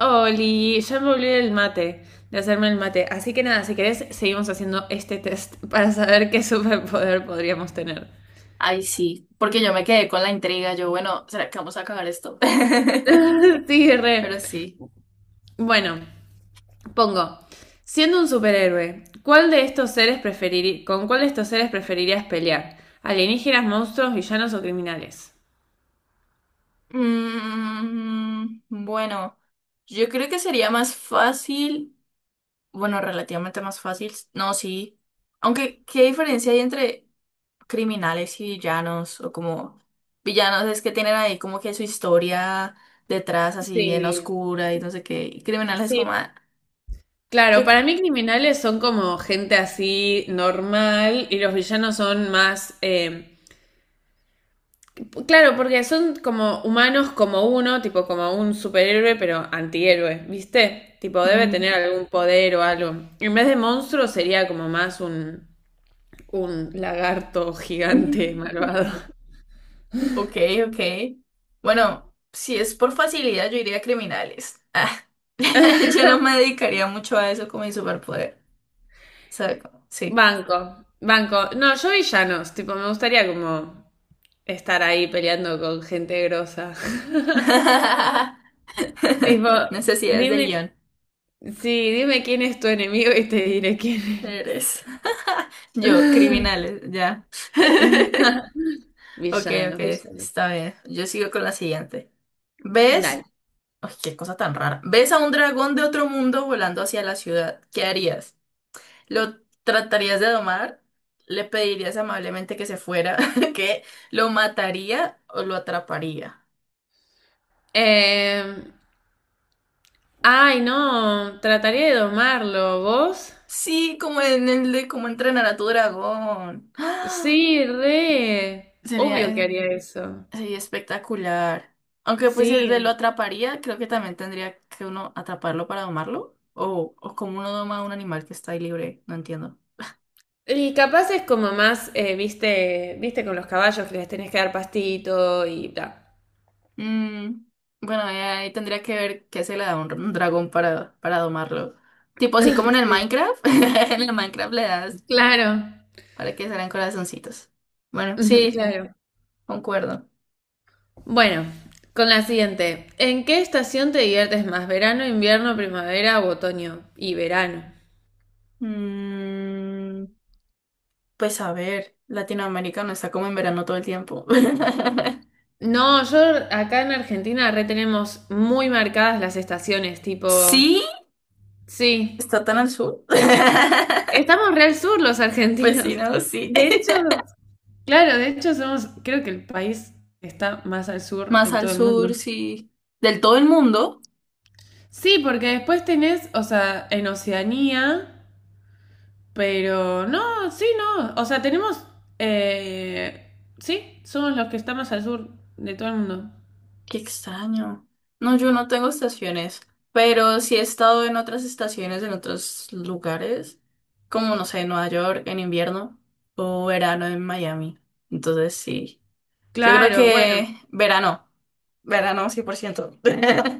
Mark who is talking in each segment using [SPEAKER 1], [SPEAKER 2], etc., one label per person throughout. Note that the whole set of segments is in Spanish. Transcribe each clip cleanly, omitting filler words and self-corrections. [SPEAKER 1] Oli, ya me olvidé el mate, de hacerme el mate. Así que nada, si querés, seguimos haciendo este test para saber qué superpoder podríamos tener.
[SPEAKER 2] Ay, sí, porque yo me quedé con la intriga. Yo, bueno, ¿será que vamos a acabar esto?
[SPEAKER 1] Sí, re.
[SPEAKER 2] Pero sí.
[SPEAKER 1] Bueno, pongo. Siendo un superhéroe, ¿cuál de estos seres preferiri- ¿Con cuál de estos seres preferirías pelear? ¿Alienígenas, monstruos, villanos o criminales?
[SPEAKER 2] Bueno, yo creo que sería más fácil, bueno, relativamente más fácil. No, sí. Aunque, ¿qué diferencia hay entre criminales y villanos? O como villanos es que tienen ahí como que su historia detrás así bien
[SPEAKER 1] Sí,
[SPEAKER 2] oscura y no sé qué. Y criminales es
[SPEAKER 1] sí.
[SPEAKER 2] como... ah, yo...
[SPEAKER 1] Claro, para mí criminales son como gente así normal y los villanos son más. Claro, porque son como humanos como uno, tipo como un superhéroe, pero antihéroe, ¿viste? Tipo, debe tener algún poder o algo. En vez de monstruo sería como más un lagarto
[SPEAKER 2] Mm.
[SPEAKER 1] gigante malvado.
[SPEAKER 2] Ok, ok. Bueno, si es por facilidad, yo iría a criminales. Ah, yo no me dedicaría mucho a eso como mi superpoder. ¿Sabe cómo? Sí.
[SPEAKER 1] Banco, banco. No, yo villanos, tipo, me gustaría como estar ahí peleando con gente grosa. Tipo,
[SPEAKER 2] Necesidades de
[SPEAKER 1] dime,
[SPEAKER 2] guión.
[SPEAKER 1] sí, dime quién es tu enemigo y te diré quién
[SPEAKER 2] Eres. Yo,
[SPEAKER 1] eres.
[SPEAKER 2] criminales, ya. Ok, ok,
[SPEAKER 1] Villanos, villanos.
[SPEAKER 2] está bien. Yo sigo con la siguiente. ¿Ves?
[SPEAKER 1] Dale.
[SPEAKER 2] Ay, qué cosa tan rara. ¿Ves a un dragón de otro mundo volando hacia la ciudad? ¿Qué harías? Lo tratarías de domar, le pedirías amablemente que se fuera, que lo mataría o lo atraparía.
[SPEAKER 1] Eh, ay, no, trataría de domarlo. ¿Vos?
[SPEAKER 2] Sí, como en el de cómo entrenar a tu dragón. ¡Ah!
[SPEAKER 1] Sí, re.
[SPEAKER 2] Sería,
[SPEAKER 1] Obvio que
[SPEAKER 2] eh,
[SPEAKER 1] haría eso.
[SPEAKER 2] sería espectacular. Aunque pues si el
[SPEAKER 1] Sí.
[SPEAKER 2] de lo atraparía, creo que también tendría que uno atraparlo para domarlo. O como uno doma a un animal que está ahí libre, no entiendo.
[SPEAKER 1] Y capaz es como más, viste con los caballos que les tenés que dar pastito y bla.
[SPEAKER 2] Mm, bueno, ahí tendría que ver qué se le da a un dragón para domarlo. Tipo así como en el
[SPEAKER 1] Sí.
[SPEAKER 2] Minecraft. En el Minecraft le das
[SPEAKER 1] Claro,
[SPEAKER 2] para que salgan corazoncitos. Bueno, sí,
[SPEAKER 1] claro.
[SPEAKER 2] concuerdo.
[SPEAKER 1] Bueno, con la siguiente. ¿En qué estación te diviertes más? ¿Verano, invierno, primavera o otoño? Y verano.
[SPEAKER 2] Mm, pues a ver, Latinoamérica no está como en verano todo el tiempo.
[SPEAKER 1] No, yo acá en Argentina re tenemos muy marcadas las estaciones, tipo.
[SPEAKER 2] Sí,
[SPEAKER 1] Sí,
[SPEAKER 2] está tan al sur.
[SPEAKER 1] estamos re al sur los
[SPEAKER 2] Pues sí,
[SPEAKER 1] argentinos.
[SPEAKER 2] no, sí.
[SPEAKER 1] De hecho, claro, de hecho somos, creo que el país que está más al sur
[SPEAKER 2] Más
[SPEAKER 1] en
[SPEAKER 2] al
[SPEAKER 1] todo el mundo.
[SPEAKER 2] sur, sí. Del todo el mundo.
[SPEAKER 1] Sí, porque después tenés, o sea, en Oceanía, pero no, sí, no, o sea, tenemos, sí, somos los que estamos al sur de todo el mundo.
[SPEAKER 2] Qué extraño. No, yo no tengo estaciones, pero sí he estado en otras estaciones, en otros lugares, como no sé, en Nueva York en invierno o verano en Miami. Entonces sí, yo creo
[SPEAKER 1] Claro, bueno,
[SPEAKER 2] que verano, verano 100%.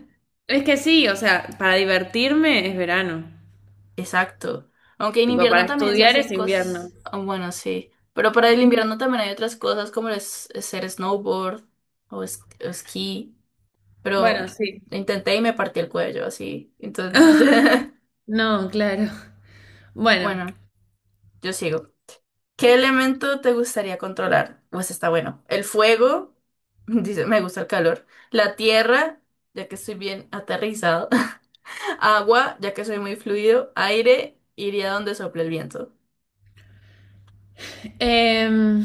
[SPEAKER 1] es que sí, o sea, para divertirme es verano,
[SPEAKER 2] Exacto. Aunque en
[SPEAKER 1] tipo,
[SPEAKER 2] invierno
[SPEAKER 1] para
[SPEAKER 2] también se
[SPEAKER 1] estudiar
[SPEAKER 2] hacen
[SPEAKER 1] es invierno.
[SPEAKER 2] cosas, ah, bueno, sí, pero para el invierno también hay otras cosas como es hacer snowboard o esquí. Pero
[SPEAKER 1] Bueno, sí.
[SPEAKER 2] intenté y me partí el cuello, así, entonces no.
[SPEAKER 1] No, claro. Bueno,
[SPEAKER 2] Bueno, yo sigo. ¿Qué elemento te gustaría controlar? Pues está bueno. El fuego, dice, me gusta el calor. La tierra, ya que estoy bien aterrizado. Agua, ya que soy muy fluido. Aire, iría donde sople el viento.
[SPEAKER 1] em,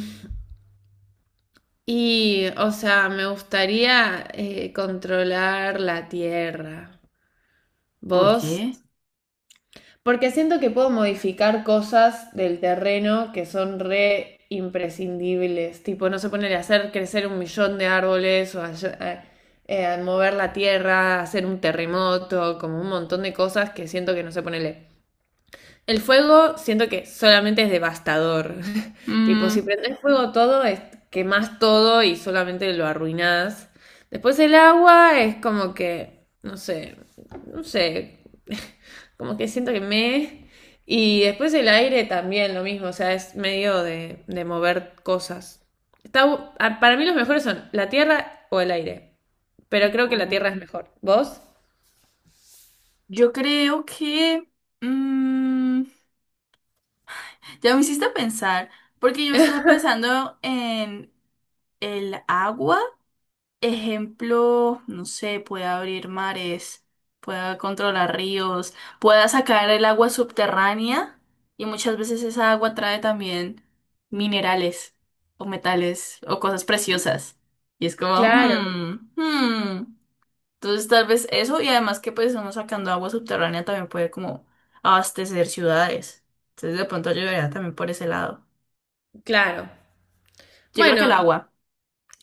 [SPEAKER 1] y o sea, me gustaría controlar la tierra.
[SPEAKER 2] ¿Por
[SPEAKER 1] ¿Vos?
[SPEAKER 2] qué?
[SPEAKER 1] Porque siento que puedo modificar cosas del terreno que son re imprescindibles. Tipo, no se poner a hacer crecer un millón de árboles o a- a mover la tierra, hacer un terremoto, como un montón de cosas que siento que no se ponele. El fuego siento que solamente es devastador. Tipo, si
[SPEAKER 2] Mm,
[SPEAKER 1] prendés fuego todo, quemás todo y solamente lo arruinás. Después el agua es como que, no sé, no sé, como que siento que me... Y después el aire también lo mismo, o sea, es medio de mover cosas. Para mí los mejores son la tierra o el aire, pero creo que la
[SPEAKER 2] Mm.
[SPEAKER 1] tierra es mejor. ¿Vos?
[SPEAKER 2] Yo creo que... mm, ya me hiciste pensar, porque yo estaba pensando en el agua. Ejemplo, no sé, pueda abrir mares, pueda controlar ríos, pueda sacar el agua subterránea y muchas veces esa agua trae también minerales o metales o cosas preciosas. Y es como,
[SPEAKER 1] Claro,
[SPEAKER 2] hmm, hmm. Entonces tal vez eso y además que pues uno sacando agua subterránea también puede como abastecer ciudades. Entonces de pronto ayudaría también por ese lado.
[SPEAKER 1] claro.
[SPEAKER 2] Yo creo que el
[SPEAKER 1] Bueno,
[SPEAKER 2] agua.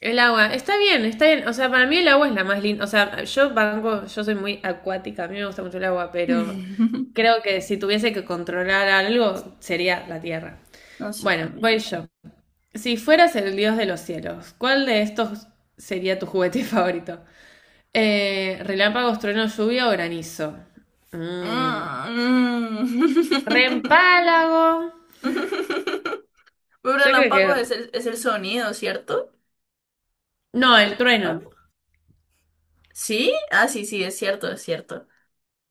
[SPEAKER 1] el agua, está bien, está bien. O sea, para mí el agua es la más linda. O sea, yo banco, yo soy muy acuática, a mí me gusta mucho el agua, pero creo que si tuviese que controlar algo, sería la tierra.
[SPEAKER 2] No sé
[SPEAKER 1] Bueno,
[SPEAKER 2] también.
[SPEAKER 1] voy yo. Si fueras el dios de los cielos, ¿cuál de estos sería tu juguete favorito? Relámpagos, trueno, lluvia o granizo. Mm.
[SPEAKER 2] Ah, mm.
[SPEAKER 1] Reempálago.
[SPEAKER 2] Un
[SPEAKER 1] Yo creo
[SPEAKER 2] relámpago
[SPEAKER 1] que...
[SPEAKER 2] es el sonido, ¿cierto?
[SPEAKER 1] No, el trueno.
[SPEAKER 2] Relámpago. ¿Sí? Ah, sí, sí, es cierto, es cierto.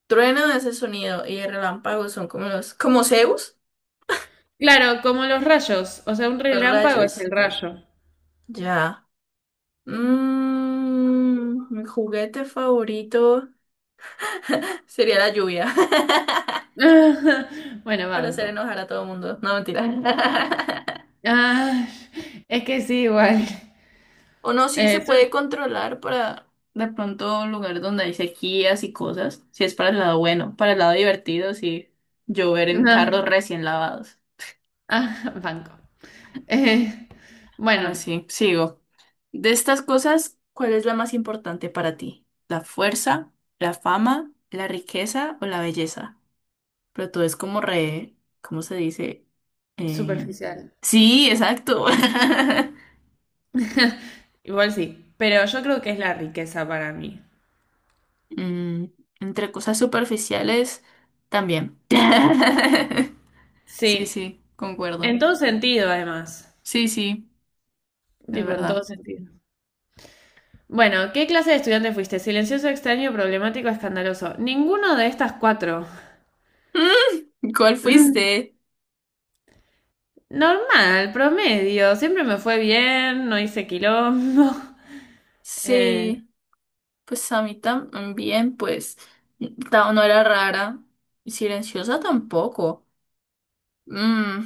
[SPEAKER 2] Trueno es el sonido y el relámpago son como los, como Zeus,
[SPEAKER 1] Claro, como los rayos. O sea, un
[SPEAKER 2] los
[SPEAKER 1] relámpago es
[SPEAKER 2] rayos.
[SPEAKER 1] el rayo.
[SPEAKER 2] Ya. Mi juguete favorito sería la lluvia.
[SPEAKER 1] Ajá. Bueno,
[SPEAKER 2] Para hacer
[SPEAKER 1] banco.
[SPEAKER 2] enojar a todo el mundo. No, mentira.
[SPEAKER 1] Ah, es que sí, igual.
[SPEAKER 2] O no, sí se
[SPEAKER 1] Eh, sol-
[SPEAKER 2] puede controlar para de pronto un lugar donde hay sequías y cosas. Si es para el lado bueno, para el lado divertido, sí. Llover en
[SPEAKER 1] no.
[SPEAKER 2] carros recién lavados.
[SPEAKER 1] Ah, banco. Eh,
[SPEAKER 2] Bueno,
[SPEAKER 1] bueno,
[SPEAKER 2] sí, sigo. De estas cosas, ¿cuál es la más importante para ti? ¿La fuerza, la fama, la riqueza o la belleza? Pero tú es como re, ¿cómo se dice? Eh,
[SPEAKER 1] superficial.
[SPEAKER 2] Sí, exacto.
[SPEAKER 1] Igual sí, pero yo creo que es la riqueza para mí.
[SPEAKER 2] Mm, Entre cosas superficiales también. Sí,
[SPEAKER 1] Sí,
[SPEAKER 2] sí, concuerdo.
[SPEAKER 1] en todo sentido, además.
[SPEAKER 2] Sí, sí, es
[SPEAKER 1] Tipo, en
[SPEAKER 2] verdad.
[SPEAKER 1] todo sentido. Bueno, ¿qué clase de estudiante fuiste? Silencioso, extraño, problemático, escandaloso. Ninguno de estas cuatro.
[SPEAKER 2] ¿Cuál
[SPEAKER 1] Mm,
[SPEAKER 2] fuiste?
[SPEAKER 1] Normal, promedio. Siempre me fue bien, no hice quilombo.
[SPEAKER 2] Sí, pues a mí también, pues no era rara. Y Silenciosa tampoco. Mm,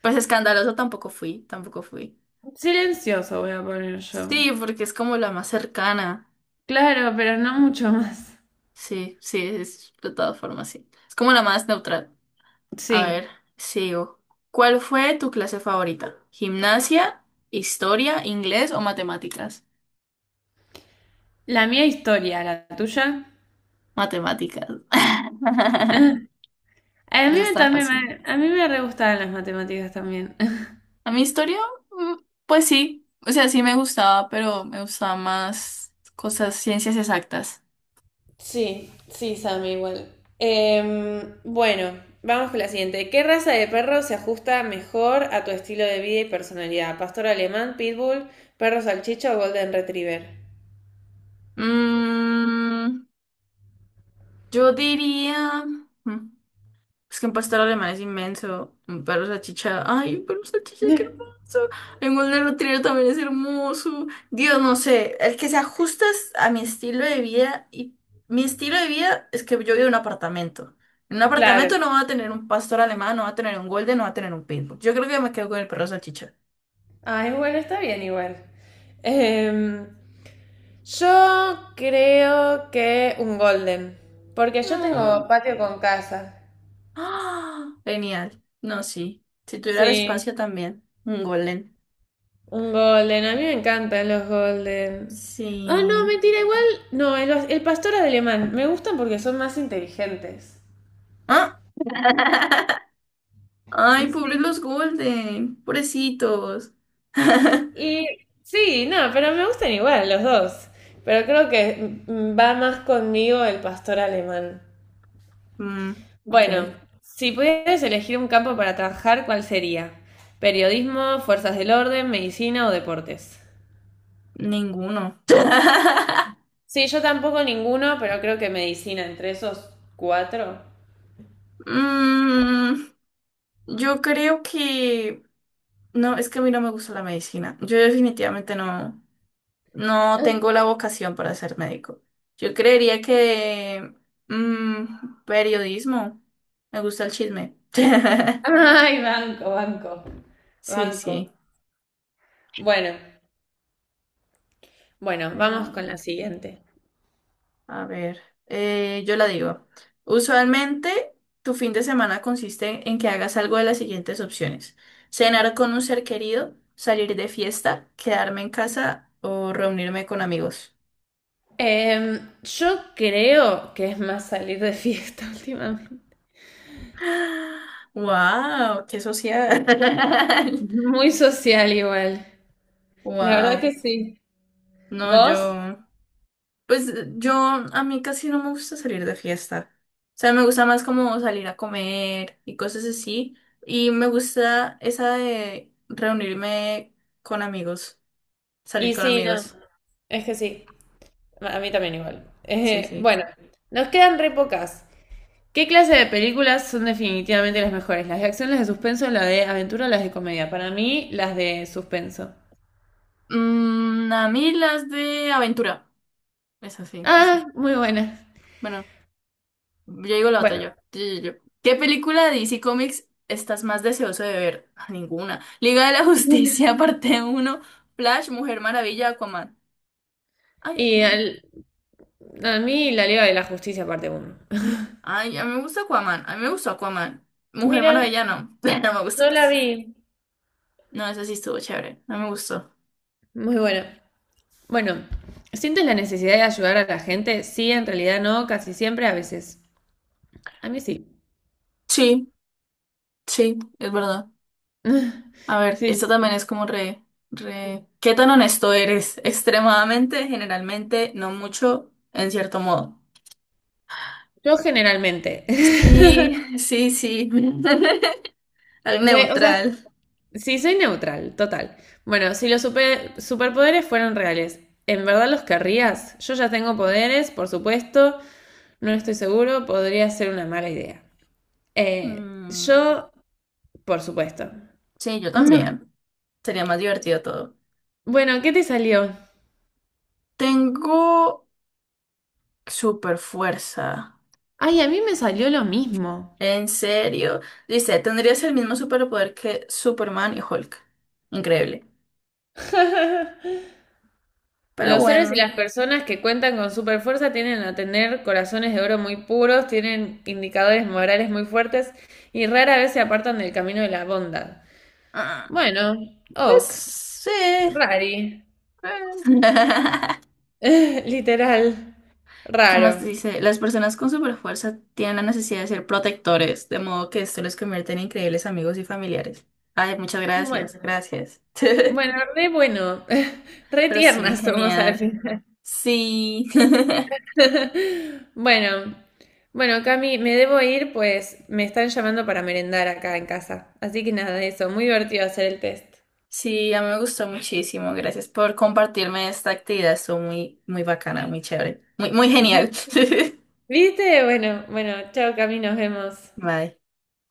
[SPEAKER 2] pues escandalosa tampoco fui, tampoco fui.
[SPEAKER 1] Silencioso voy a poner yo.
[SPEAKER 2] Sí, porque es como la más cercana.
[SPEAKER 1] Claro, pero no mucho más.
[SPEAKER 2] Sí, sí, es de todas formas, sí. Es como la más neutral. A ver,
[SPEAKER 1] Sí.
[SPEAKER 2] sigo. ¿Cuál fue tu clase favorita? ¿Gimnasia, historia, inglés o matemáticas?
[SPEAKER 1] La mía historia, la tuya.
[SPEAKER 2] Matemáticas.
[SPEAKER 1] Ah, A mí
[SPEAKER 2] Eso
[SPEAKER 1] me-
[SPEAKER 2] estaba
[SPEAKER 1] también
[SPEAKER 2] fácil.
[SPEAKER 1] me, a mí me re gustaban las matemáticas también.
[SPEAKER 2] A mi historia, mm, pues sí. O sea, sí me gustaba, pero me gustaba más cosas, ciencias exactas.
[SPEAKER 1] Sí, sí, Sammy, igual. Bueno, vamos con la siguiente. ¿Qué raza de perro se ajusta mejor a tu estilo de vida y personalidad? ¿Pastor alemán, pitbull, perro salchicha o golden retriever?
[SPEAKER 2] Mm, yo diría. mm, Es que un pastor alemán es inmenso. Un perro salchicha. Ay, un perro salchicha, qué hermoso. Un golden retriever también es hermoso. Dios, no sé. El que se ajusta es a mi estilo de vida. Y mi estilo de vida es que yo vivo en un apartamento. En un apartamento
[SPEAKER 1] Claro.
[SPEAKER 2] no va a tener un pastor alemán, no va a tener un golden, no va a tener un pitbull. Yo creo que me quedo con el perro salchicha.
[SPEAKER 1] Ay, bueno, está bien igual. Em, yo creo que un golden, porque yo tengo
[SPEAKER 2] Mm.
[SPEAKER 1] patio con casa.
[SPEAKER 2] ¡Ah! Genial. No, sí. Si tuviera el
[SPEAKER 1] Sí,
[SPEAKER 2] espacio también. Un golden.
[SPEAKER 1] un golden. A mí me encantan los golden. Ah, no,
[SPEAKER 2] Sí.
[SPEAKER 1] mentira, igual. No, el pastor alemán. Me gustan porque son más inteligentes.
[SPEAKER 2] ¿Ah? Ay, pobres
[SPEAKER 1] Sí.
[SPEAKER 2] los Golden, pobrecitos.
[SPEAKER 1] Y sí, no, pero me gustan igual los dos. Pero creo que va más conmigo el pastor alemán.
[SPEAKER 2] Ok,
[SPEAKER 1] Bueno, si pudieras elegir un campo para trabajar, ¿cuál sería? ¿Periodismo, fuerzas del orden, medicina o deportes?
[SPEAKER 2] ninguno.
[SPEAKER 1] Sí, yo tampoco ninguno, pero creo que medicina entre esos cuatro.
[SPEAKER 2] Mm, yo creo que... No, es que a mí no me gusta la medicina. Yo definitivamente no, no tengo la vocación para ser médico. Yo creería que... periodismo. Me gusta el chisme.
[SPEAKER 1] Ay, banco, banco,
[SPEAKER 2] Sí,
[SPEAKER 1] banco.
[SPEAKER 2] sí.
[SPEAKER 1] Bueno, bueno, vamos con la siguiente.
[SPEAKER 2] A ver, yo la digo. Usualmente, tu fin de semana consiste en que hagas algo de las siguientes opciones. Cenar con un ser querido, salir de fiesta, quedarme en casa o reunirme con amigos.
[SPEAKER 1] Yo creo que es más salir de fiesta últimamente.
[SPEAKER 2] ¡Wow! ¡Qué social!
[SPEAKER 1] Muy social igual. La verdad
[SPEAKER 2] ¡Wow!
[SPEAKER 1] que sí.
[SPEAKER 2] No,
[SPEAKER 1] ¿Vos?
[SPEAKER 2] yo. Pues yo, a mí casi no me gusta salir de fiesta. O sea, me gusta más como salir a comer y cosas así. Y me gusta esa de reunirme con amigos, salir
[SPEAKER 1] Y
[SPEAKER 2] con
[SPEAKER 1] sí, no.
[SPEAKER 2] amigos.
[SPEAKER 1] Es que sí. A mí también igual.
[SPEAKER 2] Sí,
[SPEAKER 1] Eh,
[SPEAKER 2] sí.
[SPEAKER 1] bueno, nos quedan re pocas. ¿Qué clase de películas son definitivamente las mejores? ¿Las de acción, las de suspenso, las de aventura o las de comedia? Para mí, las de suspenso.
[SPEAKER 2] A mí las de aventura. Es así.
[SPEAKER 1] Ah, muy buenas.
[SPEAKER 2] Bueno, yo digo la otra
[SPEAKER 1] Bueno,
[SPEAKER 2] yo. Yo, yo, yo. ¿Qué película de DC Comics estás más deseoso de ver? Ah, ninguna. Liga de la Justicia, parte uno, Flash, Mujer Maravilla, Aquaman. Ay,
[SPEAKER 1] y
[SPEAKER 2] Aquaman.
[SPEAKER 1] al- a mí La Liga de la Justicia parte uno.
[SPEAKER 2] Ay, a mí me gusta Aquaman. A mí me gustó Aquaman. Mujer
[SPEAKER 1] Mira,
[SPEAKER 2] Maravilla no. No me gustó
[SPEAKER 1] no la
[SPEAKER 2] casi.
[SPEAKER 1] vi.
[SPEAKER 2] No, ese sí estuvo chévere. No me gustó.
[SPEAKER 1] Muy buena. Bueno, ¿sientes la necesidad de ayudar a la gente? Sí, en realidad no, casi siempre, a veces. A mí sí.
[SPEAKER 2] Sí, sí, es verdad. A ver,
[SPEAKER 1] Sí,
[SPEAKER 2] esto
[SPEAKER 1] sí,
[SPEAKER 2] también
[SPEAKER 1] sí.
[SPEAKER 2] es como re... ¿Qué tan honesto eres? Extremadamente, generalmente, no mucho, en cierto modo.
[SPEAKER 1] Yo generalmente.
[SPEAKER 2] Y sí, sí. Al
[SPEAKER 1] O sea,
[SPEAKER 2] neutral.
[SPEAKER 1] sí, soy neutral, total. Bueno, si los superpoderes fueran reales, ¿en verdad los querrías? Yo ya tengo poderes, por supuesto, no estoy seguro, podría ser una mala idea. Eh,
[SPEAKER 2] Mm,
[SPEAKER 1] yo, por supuesto.
[SPEAKER 2] sí, yo
[SPEAKER 1] No.
[SPEAKER 2] también. Sería más divertido todo.
[SPEAKER 1] Bueno, ¿qué te salió?
[SPEAKER 2] Tengo super fuerza.
[SPEAKER 1] Ay, a mí me salió lo mismo.
[SPEAKER 2] En serio. Dice, tendrías el mismo superpoder que Superman y Hulk. Increíble. Pero
[SPEAKER 1] Los héroes y
[SPEAKER 2] bueno.
[SPEAKER 1] las personas que cuentan con superfuerza tienden a tener corazones de oro muy puros, tienen indicadores morales muy fuertes y rara vez se apartan del camino de la bondad.
[SPEAKER 2] ah,
[SPEAKER 1] Bueno,
[SPEAKER 2] Pues
[SPEAKER 1] ok.
[SPEAKER 2] sí.
[SPEAKER 1] Rari. Literal.
[SPEAKER 2] ¿Qué más
[SPEAKER 1] Raro.
[SPEAKER 2] dice? Las personas con superfuerza tienen la necesidad de ser protectores, de modo que esto les convierte en increíbles amigos y familiares. Ay, muchas gracias,
[SPEAKER 1] Bueno,
[SPEAKER 2] gracias.
[SPEAKER 1] bueno, re bueno. Re
[SPEAKER 2] Pero sí,
[SPEAKER 1] tiernas somos al
[SPEAKER 2] genial.
[SPEAKER 1] final.
[SPEAKER 2] Sí.
[SPEAKER 1] Bueno, bueno, Cami, me debo ir, pues me están llamando para merendar acá en casa. Así que nada, eso, muy divertido hacer el test.
[SPEAKER 2] Sí, a mí me gustó muchísimo. Gracias por compartirme esta actividad. Estuvo muy, muy bacana, muy chévere, muy, muy genial.
[SPEAKER 1] ¿Viste? Bueno, bueno, chao, Cami, nos vemos.
[SPEAKER 2] Bye.